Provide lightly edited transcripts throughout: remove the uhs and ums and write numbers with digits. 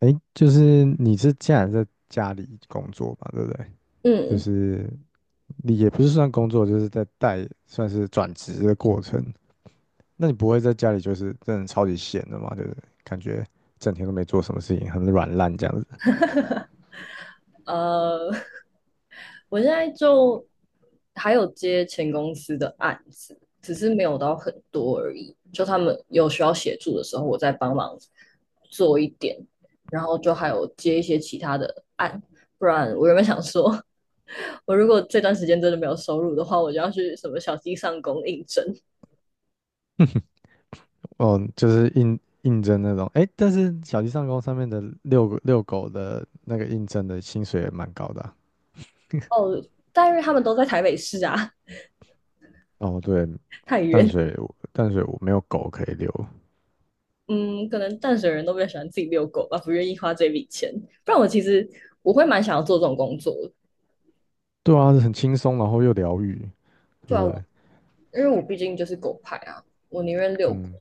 哎，就是既然在家里工作嘛，对不对？就嗯，是你也不是算工作，就是在带，算是转职的过程。那你不会在家里就是真的超级闲的嘛？就是感觉整天都没做什么事情，很软烂这样子。呃，我现在就还有接前公司的案子，只是没有到很多而已。就他们有需要协助的时候，我再帮忙做一点，然后就还有接一些其他的案。不然我原本想说，我如果这段时间真的没有收入的话，我就要去什么小鸡上工应征。哦，就是应征那种。哎，但是小鸡上工上面的遛狗的那个应征的薪水也蛮高的啊。哦，但是他们都在台北市啊，哦，对，太淡远。水淡水我没有狗可以遛。嗯，可能淡水人都比较喜欢自己遛狗吧，不愿意花这笔钱。不然我其实会蛮想要做这种工作的。对啊，很轻松，然后又疗愈，对对不啊，对？因为我毕竟就是狗派啊，我宁愿遛狗，嗯。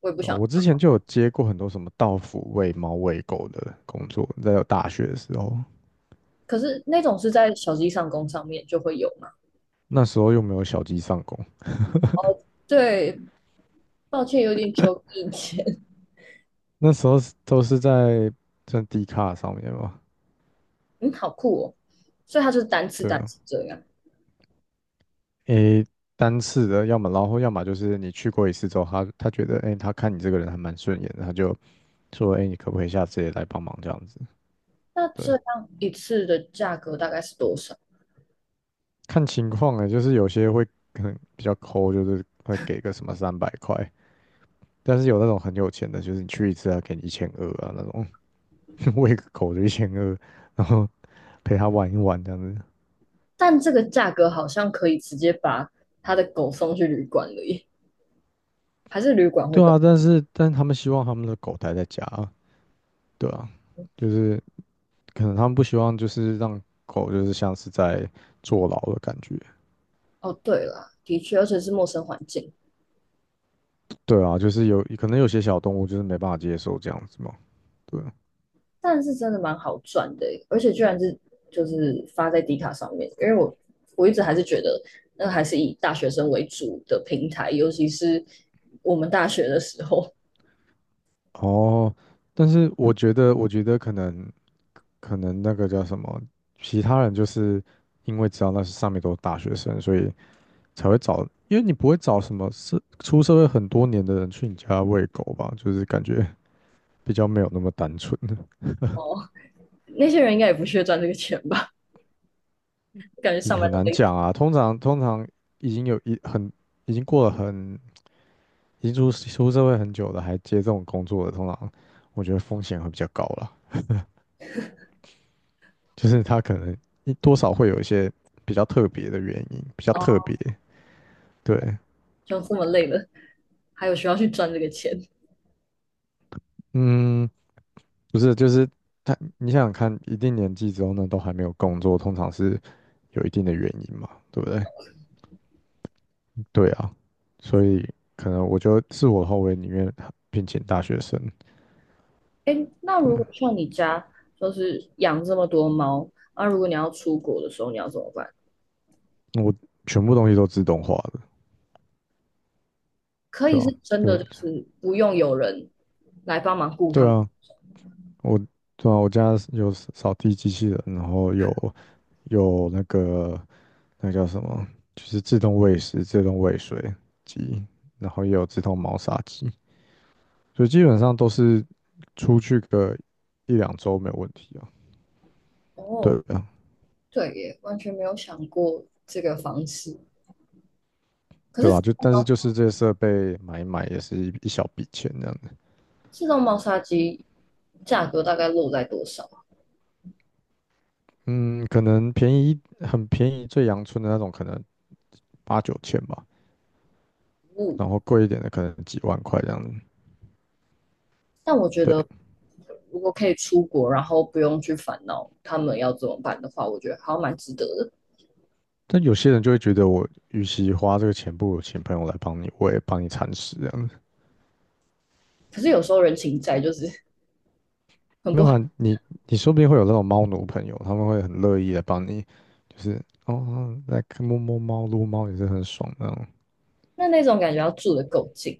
我也不对啊想。我之前就有接过很多什么到府喂猫喂狗的工作，在有大学的时候，可是那种是在小鸡上工上面就会有嘛？那时候又没有小鸡上工，对，抱歉，有点久以前。那时候都是在D 卡上面嘛，嗯，好酷哦。所以它就是单次对单啊，次这样。诶，单次的，要么就是你去过一次之后，他觉得诶，他看你这个人还蛮顺眼的，他就说诶，你可不可以下次也来帮忙这样子？那这对，样一次的价格大概是多少？看情况啊，就是有些会可能比较抠，就是会给个什么300块，但是有那种很有钱的，就是你去一次啊，给你一千二啊那种。喂个狗的一千二，然后陪它玩一玩这样子。但这个价格好像可以直接把他的狗送去旅馆了耶，还是旅馆会对更？啊，但他们希望他们的狗待在家啊。对啊，就是可能他们不希望就是让狗就是像是在坐牢的感觉。哦，对啦，的确，而且是陌生环境，对啊，就是有可能有些小动物就是没办法接受这样子嘛。对啊，但是真的蛮好赚的欸，而且居然是就是发在迪卡上面，因为我一直还是觉得那还是以大学生为主的平台，尤其是我们大学的时候。哦，但是我觉得可能那个叫什么，其他人就是因为知道那是上面都是大学生，所以才会找，因为你不会找什么是出社会很多年的人去你家喂狗吧，就是感觉比较没有那么单纯，哦，那些人应该也不屑赚这个钱吧？感觉上也班很都难累讲啊。通常已经有一很已经过了很已经出社会很久的，还接这种工作的，通常我觉得风险会比较高啦，就是他可能多少会有一些比较特别的原因，比较死特哦，别。对，就这么累了，还有需要去赚这个钱？嗯，不是，就是他，你想想看，一定年纪之后呢，都还没有工作，通常是有一定的原因嘛，对不对？对啊，所以可能我就自我后卫里面聘请大学生，哎，那对如啊，果像你家就是养这么多猫，那、啊如果你要出国的时候，你要怎么办？我全部东西都自动化的，可对以是吧、真有，的，就是不用有人来帮忙雇他对们。啊，我对啊，我家有扫地机器人，然后有那个那叫什么，就是自动喂食、自动喂水机，然后也有自动猫砂机，所以基本上都是出去个一两周没有问题啊，哦，对啊，对耶，完全没有想过这个方式。可对是吧、但是就是这些设备买一买也是一小笔钱这样。自动猫砂机价格大概落在多少？嗯，可能便宜很便宜，最阳春的那种可能八九千吧，嗯，然后贵一点的可能几万块这样子。但我觉对，得如果可以出国，然后不用去烦恼他们要怎么办的话，我觉得好像蛮值得的。但有些人就会觉得我与其花这个钱，不如请朋友来帮你，我也帮你铲屎这样子。可是有时候人情债就是很没不有好，啊，你说不定会有那种猫奴朋友，他们会很乐意的帮你，就是哦，来摸摸猫、撸猫也是很爽的那种。那那种感觉要住的够近。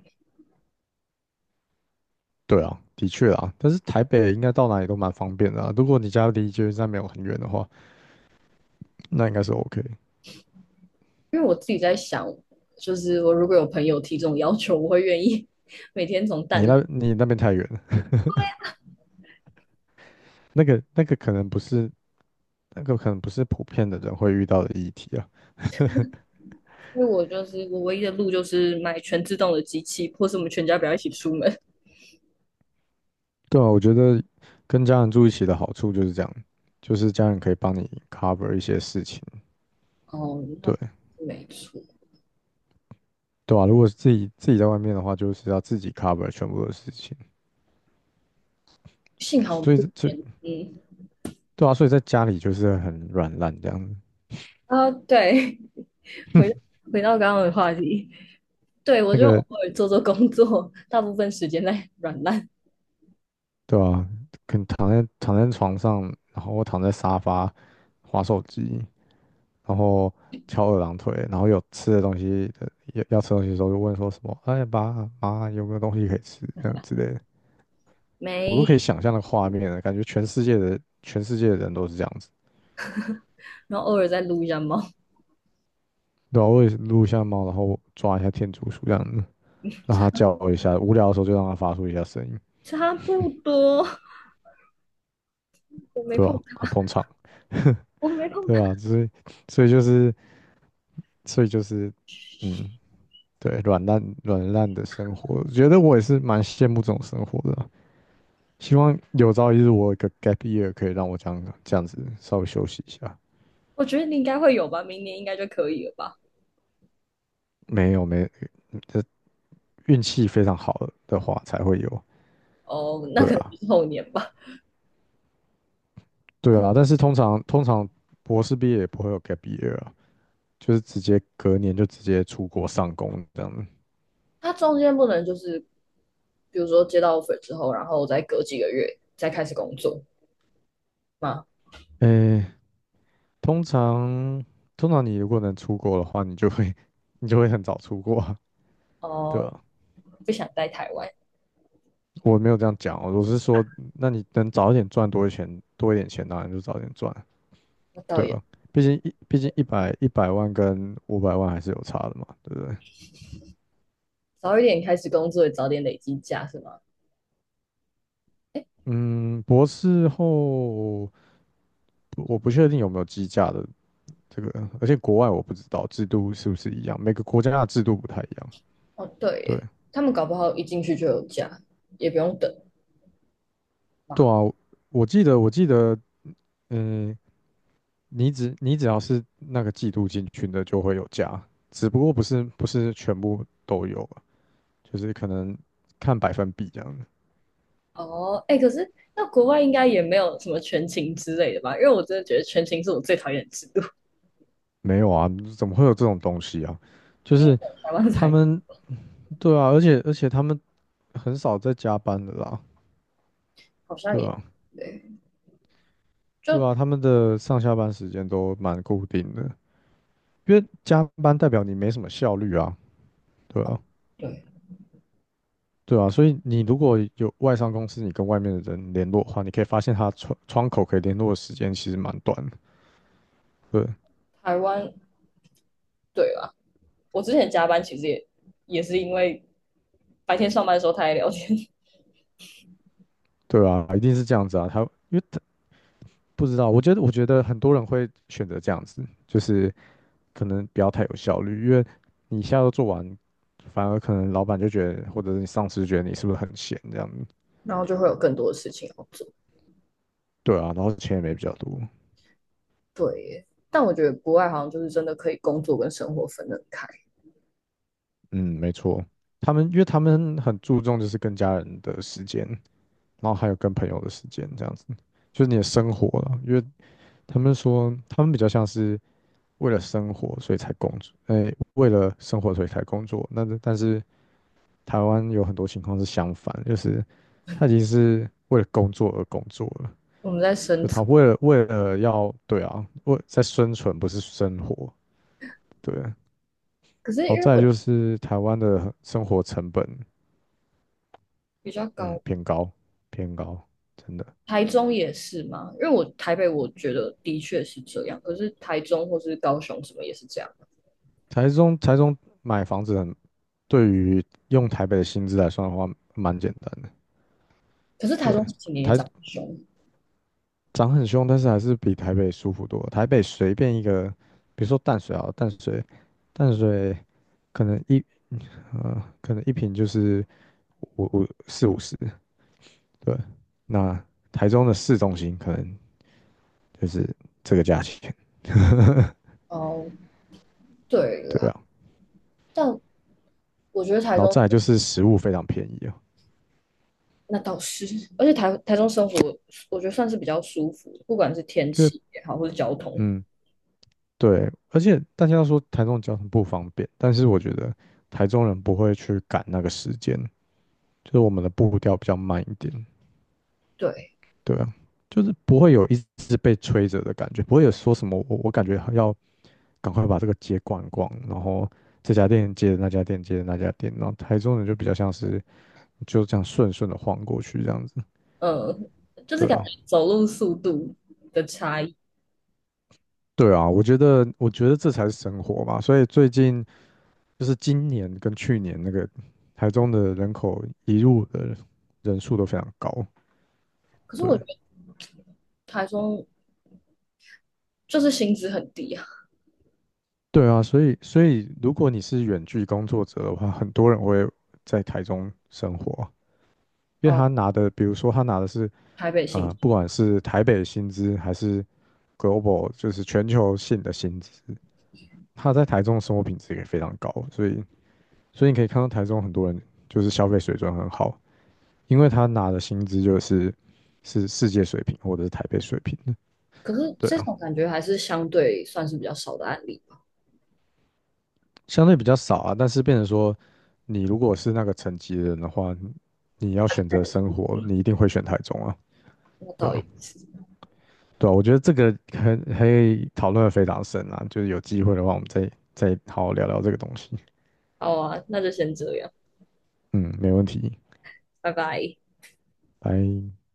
对啊，的确啊，但是台北应该到哪里都蛮方便的啊。如果你家离捷运站没有很远的话，那应该是 OK。因为我自己在想，就是我如果有朋友提这种要求，我会愿意 每天从蛋。你那边太远了。那个可能不是普遍的人会遇到的议题啊。因为我就是我唯一的路就是买全自动的机器，或是我们全家不要一起出门。对啊，我觉得跟家人住一起的好处就是这样，就是家人可以帮你 cover 一些事情。哦，那对没错，对啊，如果自己在外面的话，就是要自己 cover 全部的事情。幸好我们所以这这边，嗯，对啊，所以在家里就是很软烂这样子。啊，对，回回到刚刚的话题，对我那就个偶尔做做工作，大部分时间在 软烂对啊，可能躺在床上，然后我躺在沙发滑手机，然后翘二郎腿，然后有吃的东西的，要吃东西的时候就问说什么，哎爸妈有没有东西可以吃，这样之类的，我都没，可以想象那个画面了，感觉全世界的人都是这样子。然后偶尔再撸一下猫，对啊，我也是撸一下猫，然后抓一下天竺鼠这样子，让它叫一下，无聊的时候就让它发出一下声音，差不多。我没对碰吧、好它，捧场，我没碰对它，啊，所以就是所以就是，嗯，对，软烂软烂的生活，我觉得我也是蛮羡慕这种生活的啊。希望有朝一日我有一个 gap year 可以让我这样子稍微休息一下。我觉得你应该会有吧，明年应该就可以了吧？没有没，这运气非常好的话才会有。哦，那对可能啊，就是后年吧。对啊，但是通常博士毕业也不会有 gap year 啊，就是直接隔年就直接出国上工这样子。它中间不能就是比如说接到 offer 之后，然后再隔几个月再开始工作吗？诶，通常通常你如果能出国的话，你就会 你就会很早出国啊。对哦，啊，不想待台湾，我没有这样讲哦，我是说，那你能早一点赚多一点钱，多一点钱当然就早点赚。那倒对也啊，毕竟100万跟500万还是有差的嘛，对不对？早一点开始工作，早点累积假是吗？嗯，博士后不我不确定有没有计价的这个，而且国外我不知道制度是不是一样，每个国家的制度不太一样。哦，对对耶，他们搞不好一进去就有假，也不用等对嘛。啊，我记得，嗯，你只要是那个季度进群的就会有加，只不过不是全部都有啊，就是可能看百分比这样的。哦，哎，可是那国外应该也没有什么全勤之类的吧？因为我真的觉得全勤是我最讨厌的制度，没有啊，怎么会有这种东西啊？就因为是台湾他才们对啊，而且他们很少在加班的啦，好像对也啊，对，对就啊，他们的上下班时间都蛮固定的，因为加班代表你没什么效率啊，对啊，对对啊，所以你如果有外商公司，你跟外面的人联络的话，你可以发现他窗口可以联络的时间其实蛮短的，对台湾对吧？我之前加班其实也也是因为白天上班的时候太聊天，对啊，一定是这样子啊，因为他不知道，我觉得很多人会选择这样子，就是。可能不要太有效率，因为你一下都做完，反而可能老板就觉得，或者是你上司觉得你是不是很闲这样子？然后就会有更多的事情要做。对啊，然后钱也没比较多。对耶但我觉得国外好像就是真的可以工作跟生活分得开。嗯，没错，因为他们很注重就是跟家人的时间，然后还有跟朋友的时间这样子，就是你的生活了。因为他们说他们比较像是为了生活所以才工作，哎，为了生活所以才工作。那但是台湾有很多情况是相反，就是他已经是为了工作而工作了，我们在深就圳，他为了要对啊，为在生存不是生活，对。可是好因为在我就是台湾的生活成本，比较嗯，高，偏高，偏高，真的。台中也是嘛，因为我台北我觉得的确是这样，可是台中或是高雄什么也是这样，台中买房子很，对于用台北的薪资来算的话，蛮简单的。可是台对，中这几年也台长得凶。涨很凶，但是还是比台北舒服多了。台北随便一个，比如说淡水啊，淡水，淡水可能可能一瓶就是50，对，那台中的市中心可能就是这个价钱，哦，对对啦，啊。但我觉得台然后中再来就是食物非常便宜啊，那倒是，而且台中生活我觉得算是比较舒服，不管是天就是气也好，或是交通，嗯，对，而且大家都说台中交通不方便，但是我觉得台中人不会去赶那个时间，就是我们的步调比较慢一点，对。对啊，就是不会有一直被催着的感觉，不会有说什么我感觉要赶快把这个街逛一逛，然后这家店接着那家店接着那家店，然后台中人就比较像是就这样顺顺的晃过去这样子。嗯，就是对感觉啊，走路速度的差异。对啊，我觉得这才是生活嘛。所以最近就是今年跟去年那个台中的人口移入的人数都非常高。可是对，我觉得台中就是薪资很低啊，对啊，所以如果你是远距工作者的话，很多人会在台中生活，因为他哦，拿的，比如说他拿的是台北薪资，不管是台北薪资还是 global，就是全球性的薪资，他在台中的生活品质也非常高。所以你可以看到台中很多人就是消费水准很好。因为他拿的薪资就是世界水平或者是台北水平的，可是对这啊，种感觉还是相对算是比较少的案例吧。相对比较少啊。但是变成说，你如果是那个层级的人的话，你要选择生活，你一定会选台中啊，那对倒啊，也是，对啊，我觉得这个很可以讨论的非常深啊，就是有机会的话，我们再好好聊聊这个东西。好啊，那就先这样，嗯，没问题，拜拜。拜。